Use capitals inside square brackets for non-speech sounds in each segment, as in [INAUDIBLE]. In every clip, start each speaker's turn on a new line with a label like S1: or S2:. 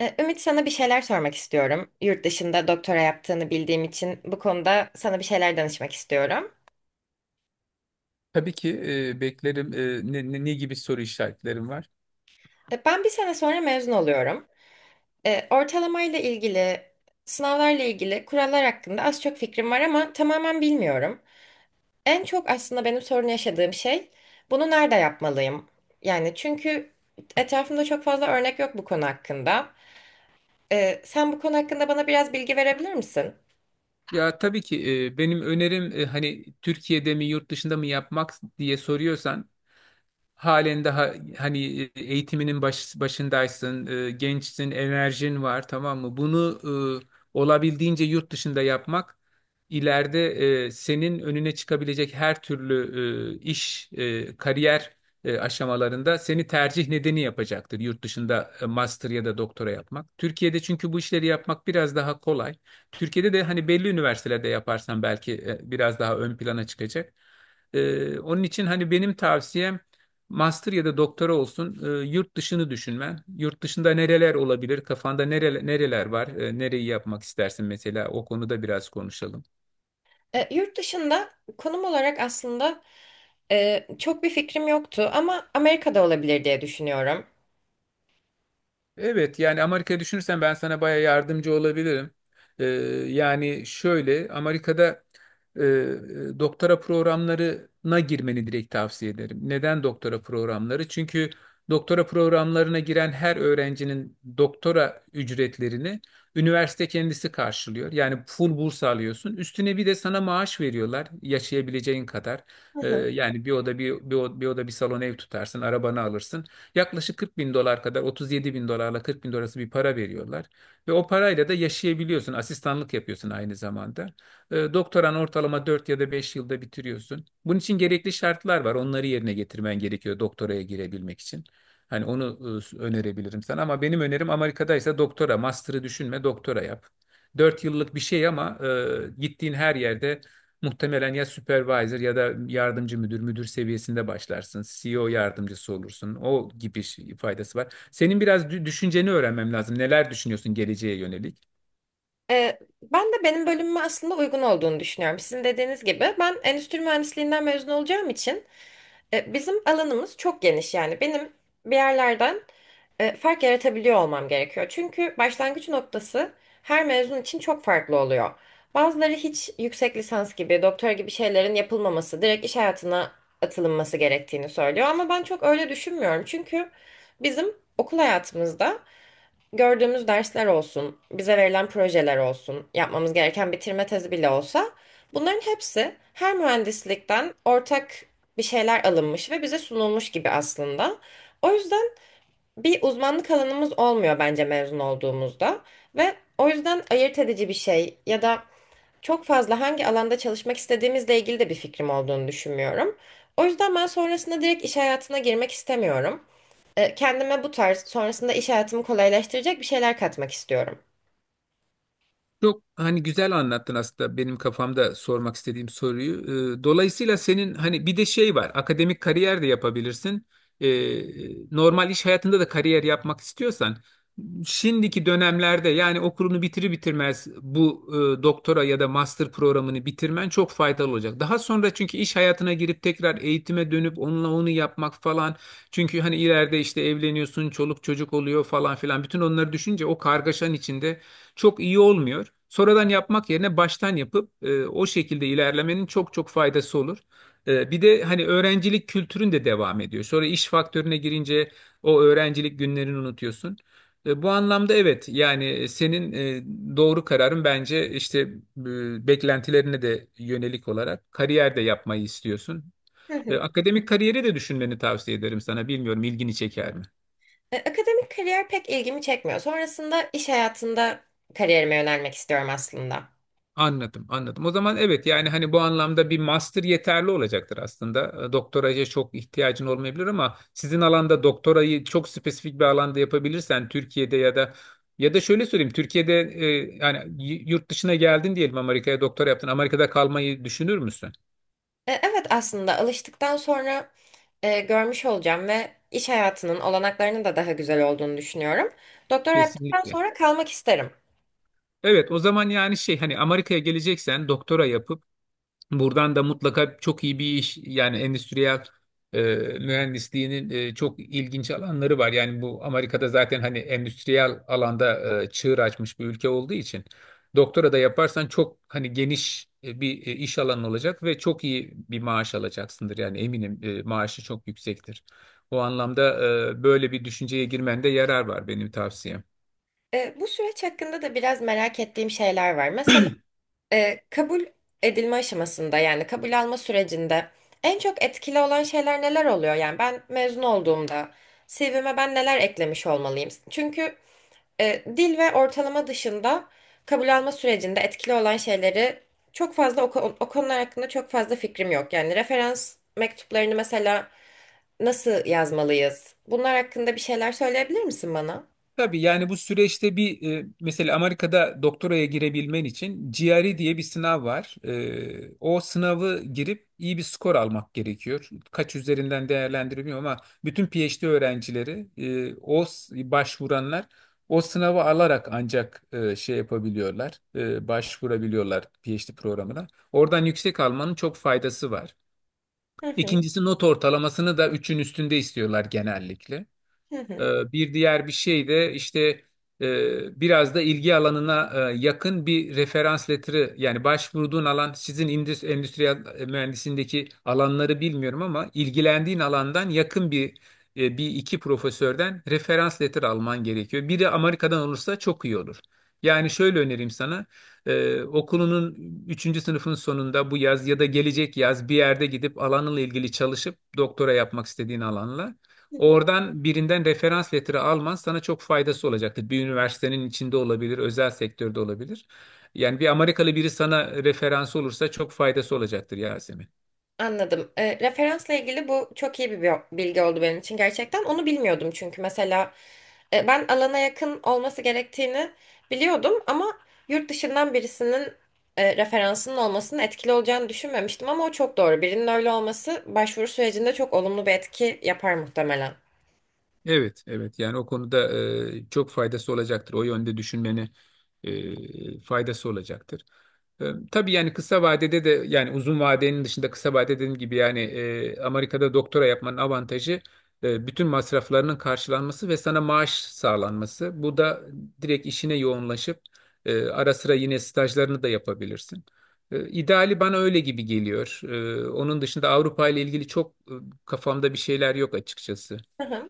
S1: Ümit, sana bir şeyler sormak istiyorum. Yurt dışında doktora yaptığını bildiğim için bu konuda sana bir şeyler danışmak istiyorum.
S2: Tabii ki beklerim. Ne gibi soru işaretlerim var?
S1: Ben bir sene sonra mezun oluyorum. Ortalamayla ilgili, sınavlarla ilgili kurallar hakkında az çok fikrim var ama tamamen bilmiyorum. En çok aslında benim sorun yaşadığım şey bunu nerede yapmalıyım? Yani çünkü etrafımda çok fazla örnek yok bu konu hakkında. Sen bu konu hakkında bana biraz bilgi verebilir misin?
S2: Ya tabii ki, e, benim önerim, hani Türkiye'de mi yurt dışında mı yapmak diye soruyorsan halen daha hani eğitiminin başındaysın, e, gençsin, enerjin var, tamam mı? Bunu olabildiğince yurt dışında yapmak ileride senin önüne çıkabilecek her türlü e, iş, e, kariyer e, aşamalarında seni tercih nedeni yapacaktır; yurt dışında master ya da doktora yapmak. Türkiye'de çünkü bu işleri yapmak biraz daha kolay. Türkiye'de de hani belli üniversitelerde yaparsan belki biraz daha ön plana çıkacak. Onun için hani benim tavsiyem master ya da doktora olsun, yurt dışını düşünmen. Yurt dışında nereler olabilir? Kafanda nereler var? Nereyi yapmak istersin mesela? O konuda biraz konuşalım.
S1: Yurt dışında konum olarak aslında çok bir fikrim yoktu ama Amerika'da olabilir diye düşünüyorum.
S2: Evet, yani Amerika düşünürsen ben sana baya yardımcı olabilirim. Ee, yani şöyle, Amerika'da doktora programlarına girmeni direkt tavsiye ederim. Neden doktora programları? Çünkü doktora programlarına giren her öğrencinin doktora ücretlerini üniversite kendisi karşılıyor. Yani full burs alıyorsun. Üstüne bir de sana maaş veriyorlar, yaşayabileceğin kadar.
S1: Hı
S2: Ee,
S1: hı.
S2: yani bir oda bir salon ev tutarsın, arabanı alırsın. Yaklaşık 40 bin dolar kadar, 37 bin dolarla 40 bin dolar arası bir para veriyorlar. Ve o parayla da yaşayabiliyorsun. Asistanlık yapıyorsun aynı zamanda. Doktoran ortalama 4 ya da 5 yılda bitiriyorsun. Bunun için gerekli şartlar var. Onları yerine getirmen gerekiyor doktoraya girebilmek için. Hani onu önerebilirim sana, ama benim önerim Amerika'daysa doktora, master'ı düşünme, doktora yap. 4 yıllık bir şey ama gittiğin her yerde muhtemelen ya supervisor ya da yardımcı müdür, müdür seviyesinde başlarsın. CEO yardımcısı olursun. Faydası var. Senin biraz düşünceni öğrenmem lazım. Neler düşünüyorsun geleceğe yönelik?
S1: Ben de benim bölümüme aslında uygun olduğunu düşünüyorum. Sizin dediğiniz gibi ben endüstri mühendisliğinden mezun olacağım için bizim alanımız çok geniş yani. Benim bir yerlerden fark yaratabiliyor olmam gerekiyor. Çünkü başlangıç noktası her mezun için çok farklı oluyor. Bazıları hiç yüksek lisans gibi, doktora gibi şeylerin yapılmaması, direkt iş hayatına atılınması gerektiğini söylüyor. Ama ben çok öyle düşünmüyorum. Çünkü bizim okul hayatımızda gördüğümüz dersler olsun, bize verilen projeler olsun, yapmamız gereken bitirme tezi bile olsa bunların hepsi her mühendislikten ortak bir şeyler alınmış ve bize sunulmuş gibi aslında. O yüzden bir uzmanlık alanımız olmuyor bence mezun olduğumuzda ve o yüzden ayırt edici bir şey ya da çok fazla hangi alanda çalışmak istediğimizle ilgili de bir fikrim olduğunu düşünmüyorum. O yüzden ben sonrasında direkt iş hayatına girmek istemiyorum. Kendime bu tarz sonrasında iş hayatımı kolaylaştıracak bir şeyler katmak istiyorum.
S2: Çok hani güzel anlattın aslında benim kafamda sormak istediğim soruyu. Dolayısıyla senin hani bir de şey var, akademik kariyer de yapabilirsin. Ee, Normal iş hayatında da kariyer yapmak istiyorsan şimdiki dönemlerde, yani okulunu bitirir bitirmez, bu doktora ya da master programını bitirmen çok faydalı olacak. Daha sonra çünkü iş hayatına girip tekrar eğitime dönüp onunla onu yapmak falan. Çünkü hani ileride işte evleniyorsun, çoluk çocuk oluyor falan filan. Bütün onları düşünce o kargaşanın içinde çok iyi olmuyor. Sonradan yapmak yerine baştan yapıp o şekilde ilerlemenin çok çok faydası olur. Bir de hani öğrencilik kültürün de devam ediyor. Sonra iş faktörüne girince o öğrencilik günlerini unutuyorsun. Bu anlamda evet, yani senin doğru kararın, bence işte beklentilerine de yönelik olarak kariyer de yapmayı istiyorsun.
S1: Hı
S2: E,
S1: hı.
S2: akademik kariyeri de düşünmeni tavsiye ederim sana. Bilmiyorum, ilgini çeker mi?
S1: Akademik kariyer pek ilgimi çekmiyor. Sonrasında iş hayatında kariyerime yönelmek istiyorum aslında.
S2: Anladım, anladım. O zaman evet, yani hani bu anlamda bir master yeterli olacaktır aslında. Doktoraya çok ihtiyacın olmayabilir, ama sizin alanda doktorayı çok spesifik bir alanda yapabilirsen Türkiye'de ya da, şöyle söyleyeyim, Türkiye'de yani yurt dışına geldin diyelim, Amerika'ya doktora yaptın. Amerika'da kalmayı düşünür müsün?
S1: Evet, aslında alıştıktan sonra görmüş olacağım ve iş hayatının olanaklarının da daha güzel olduğunu düşünüyorum. Doktora yaptıktan
S2: Kesinlikle.
S1: sonra kalmak isterim.
S2: Evet, o zaman yani şey, hani Amerika'ya geleceksen doktora yapıp buradan da mutlaka çok iyi bir iş; yani endüstriyel e, mühendisliğinin çok ilginç alanları var. Yani bu, Amerika'da zaten hani endüstriyel alanda çığır açmış bir ülke olduğu için doktora da yaparsan çok hani geniş bir iş alanı olacak ve çok iyi bir maaş alacaksındır. Yani eminim maaşı çok yüksektir. O anlamda böyle bir düşünceye girmende yarar var, benim tavsiyem.
S1: Bu süreç hakkında da biraz merak ettiğim şeyler var. Mesela kabul edilme aşamasında yani kabul alma sürecinde en çok etkili olan şeyler neler oluyor? Yani ben mezun olduğumda CV'me ben neler eklemiş olmalıyım? Çünkü dil ve ortalama dışında kabul alma sürecinde etkili olan şeyleri çok fazla o konular hakkında çok fazla fikrim yok. Yani referans mektuplarını mesela nasıl yazmalıyız? Bunlar hakkında bir şeyler söyleyebilir misin bana?
S2: Tabii, yani bu süreçte bir mesela Amerika'da doktoraya girebilmen için GRE diye bir sınav var. O sınavı girip iyi bir skor almak gerekiyor. Kaç üzerinden değerlendirmiyorum, ama bütün PhD öğrencileri başvuranlar o sınavı alarak ancak şey yapabiliyorlar, başvurabiliyorlar PhD programına. Oradan yüksek almanın çok faydası var.
S1: Hı hı,
S2: İkincisi, not ortalamasını da üçün üstünde istiyorlar genellikle.
S1: hı
S2: Bir diğer bir şey de işte biraz da ilgi alanına yakın bir referans letteri; yani başvurduğun alan, sizin endüstriyel mühendisindeki alanları bilmiyorum, ama ilgilendiğin alandan yakın bir, bir iki profesörden referans letteri alman gerekiyor. Biri Amerika'dan olursa çok iyi olur. Yani şöyle önereyim sana, okulunun üçüncü sınıfın sonunda, bu yaz ya da gelecek yaz, bir yerde gidip alanınla ilgili çalışıp doktora yapmak istediğin alanla,
S1: hı.
S2: oradan birinden referans letteri alman sana çok faydası olacaktır. Bir üniversitenin içinde olabilir, özel sektörde olabilir. Yani bir Amerikalı biri sana referans olursa çok faydası olacaktır, Yasemin.
S1: Anladım. Referansla ilgili bu çok iyi bir bilgi oldu benim için gerçekten. Onu bilmiyordum çünkü mesela ben alana yakın olması gerektiğini biliyordum ama yurt dışından birisinin referansının olmasının etkili olacağını düşünmemiştim ama o çok doğru. Birinin öyle olması başvuru sürecinde çok olumlu bir etki yapar muhtemelen.
S2: Evet, evet. Yani o konuda çok faydası olacaktır. O yönde düşünmeni faydası olacaktır. E, tabii yani, kısa vadede de, yani uzun vadenin dışında, kısa vade dediğim gibi, yani Amerika'da doktora yapmanın avantajı bütün masraflarının karşılanması ve sana maaş sağlanması. Bu da direkt işine yoğunlaşıp ara sıra yine stajlarını da yapabilirsin. İdeali bana öyle gibi geliyor. Onun dışında Avrupa ile ilgili çok, kafamda bir şeyler yok açıkçası.
S1: Hı hı.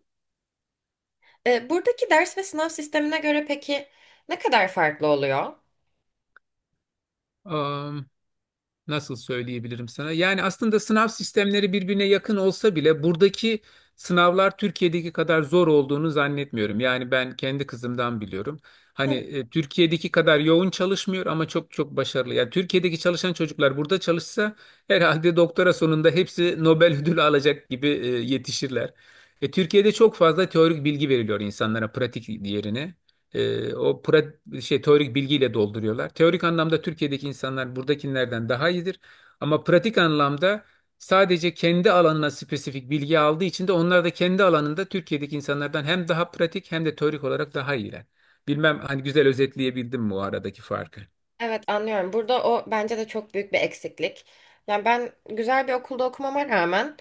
S1: Buradaki ders ve sınav sistemine göre peki ne kadar farklı oluyor?
S2: Nasıl söyleyebilirim sana? Yani aslında sınav sistemleri birbirine yakın olsa bile buradaki sınavlar Türkiye'deki kadar zor olduğunu zannetmiyorum. Yani ben kendi kızımdan biliyorum. Hani
S1: Hı.
S2: Türkiye'deki kadar yoğun çalışmıyor, ama çok çok başarılı. Yani Türkiye'deki çalışan çocuklar burada çalışsa herhalde doktora sonunda hepsi Nobel ödülü alacak gibi yetişirler. Türkiye'de çok fazla teorik bilgi veriliyor insanlara pratik yerine. Şey, teorik bilgiyle dolduruyorlar. Teorik anlamda Türkiye'deki insanlar buradakilerden daha iyidir. Ama pratik anlamda sadece kendi alanına spesifik bilgi aldığı için de onlar da kendi alanında Türkiye'deki insanlardan hem daha pratik hem de teorik olarak daha iyiler. Bilmem hani güzel özetleyebildim mi o aradaki farkı?
S1: Evet, anlıyorum. Burada o bence de çok büyük bir eksiklik. Yani ben güzel bir okulda okumama rağmen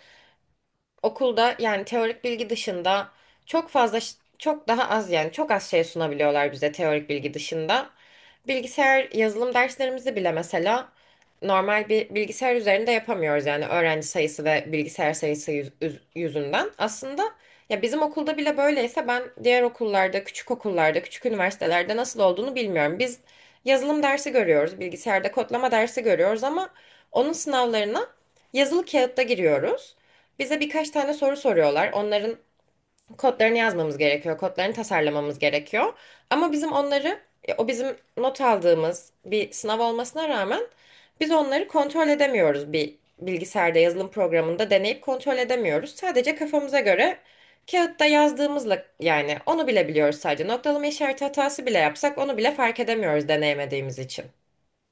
S1: okulda yani teorik bilgi dışında çok fazla çok daha az yani çok az şey sunabiliyorlar bize teorik bilgi dışında. Bilgisayar yazılım derslerimizi bile mesela normal bir bilgisayar üzerinde yapamıyoruz yani öğrenci sayısı ve bilgisayar sayısı yüzünden. Aslında ya bizim okulda bile böyleyse ben diğer okullarda, küçük okullarda, küçük üniversitelerde nasıl olduğunu bilmiyorum. Biz yazılım dersi görüyoruz, bilgisayarda kodlama dersi görüyoruz ama onun sınavlarına yazılı kağıtta giriyoruz. Bize birkaç tane soru soruyorlar. Onların kodlarını yazmamız gerekiyor, kodlarını tasarlamamız gerekiyor. Ama bizim onları, o bizim not aldığımız bir sınav olmasına rağmen biz onları kontrol edemiyoruz. Bir bilgisayarda yazılım programında deneyip kontrol edemiyoruz. Sadece kafamıza göre kağıtta yazdığımızla yani onu bile biliyoruz sadece. Noktalama işareti hatası bile yapsak onu bile fark edemiyoruz deneyemediğimiz için.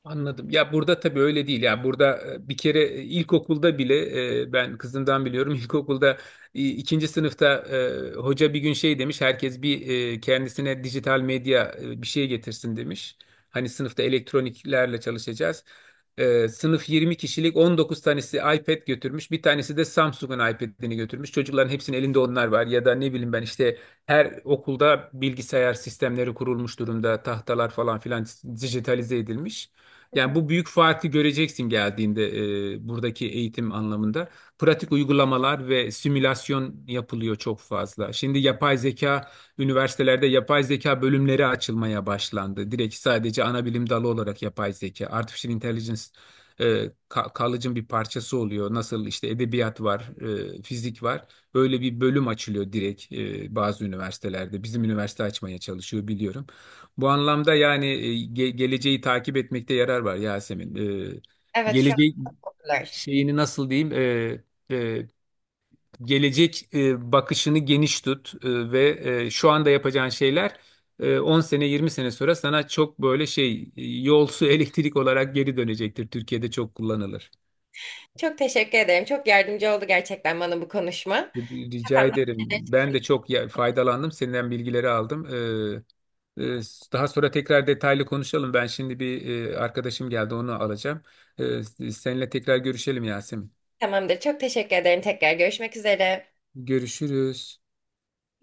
S2: Anladım. Ya, burada tabii öyle değil. Yani burada bir kere, ilkokulda bile, ben kızımdan biliyorum. [LAUGHS] İlkokulda ikinci sınıfta hoca bir gün şey demiş: herkes bir kendisine dijital medya bir şey getirsin demiş. Hani sınıfta elektroniklerle çalışacağız. Sınıf 20 kişilik, 19 tanesi iPad götürmüş. Bir tanesi de Samsung'un iPad'ini götürmüş. Çocukların hepsinin elinde onlar var. Ya da ne bileyim ben, işte her okulda bilgisayar sistemleri kurulmuş durumda. Tahtalar falan filan dijitalize edilmiş. Yani bu büyük farkı göreceksin geldiğinde, buradaki eğitim anlamında. Pratik uygulamalar ve simülasyon yapılıyor çok fazla. Şimdi yapay zeka, üniversitelerde yapay zeka bölümleri açılmaya başlandı. Direkt sadece ana bilim dalı olarak yapay zeka, artificial intelligence, e, college'ın bir parçası oluyor. Nasıl işte edebiyat var, fizik var. Böyle bir bölüm açılıyor direkt, bazı üniversitelerde. Bizim üniversite açmaya çalışıyor, biliyorum. Bu anlamda yani, geleceği takip etmekte yarar var, Yasemin. Ee,
S1: Evet, şu an
S2: gelecek
S1: bunlar.
S2: şeyini nasıl diyeyim? Gelecek bakışını geniş tut, ve şu anda yapacağın şeyler 10 sene 20 sene sonra sana çok böyle şey, yol, su, [LAUGHS] elektrik olarak geri dönecektir. Türkiye'de çok kullanılır.
S1: Çok teşekkür ederim. Çok yardımcı oldu gerçekten bana bu konuşma.
S2: Rica
S1: Kafamda.
S2: ederim. Ben de çok faydalandım. Senden bilgileri aldım. E, Ee, Daha sonra tekrar detaylı konuşalım. Ben şimdi bir, arkadaşım geldi, onu alacağım. Ee, Seninle tekrar görüşelim, Yasemin.
S1: Tamamdır. Çok teşekkür ederim. Tekrar görüşmek üzere.
S2: Görüşürüz.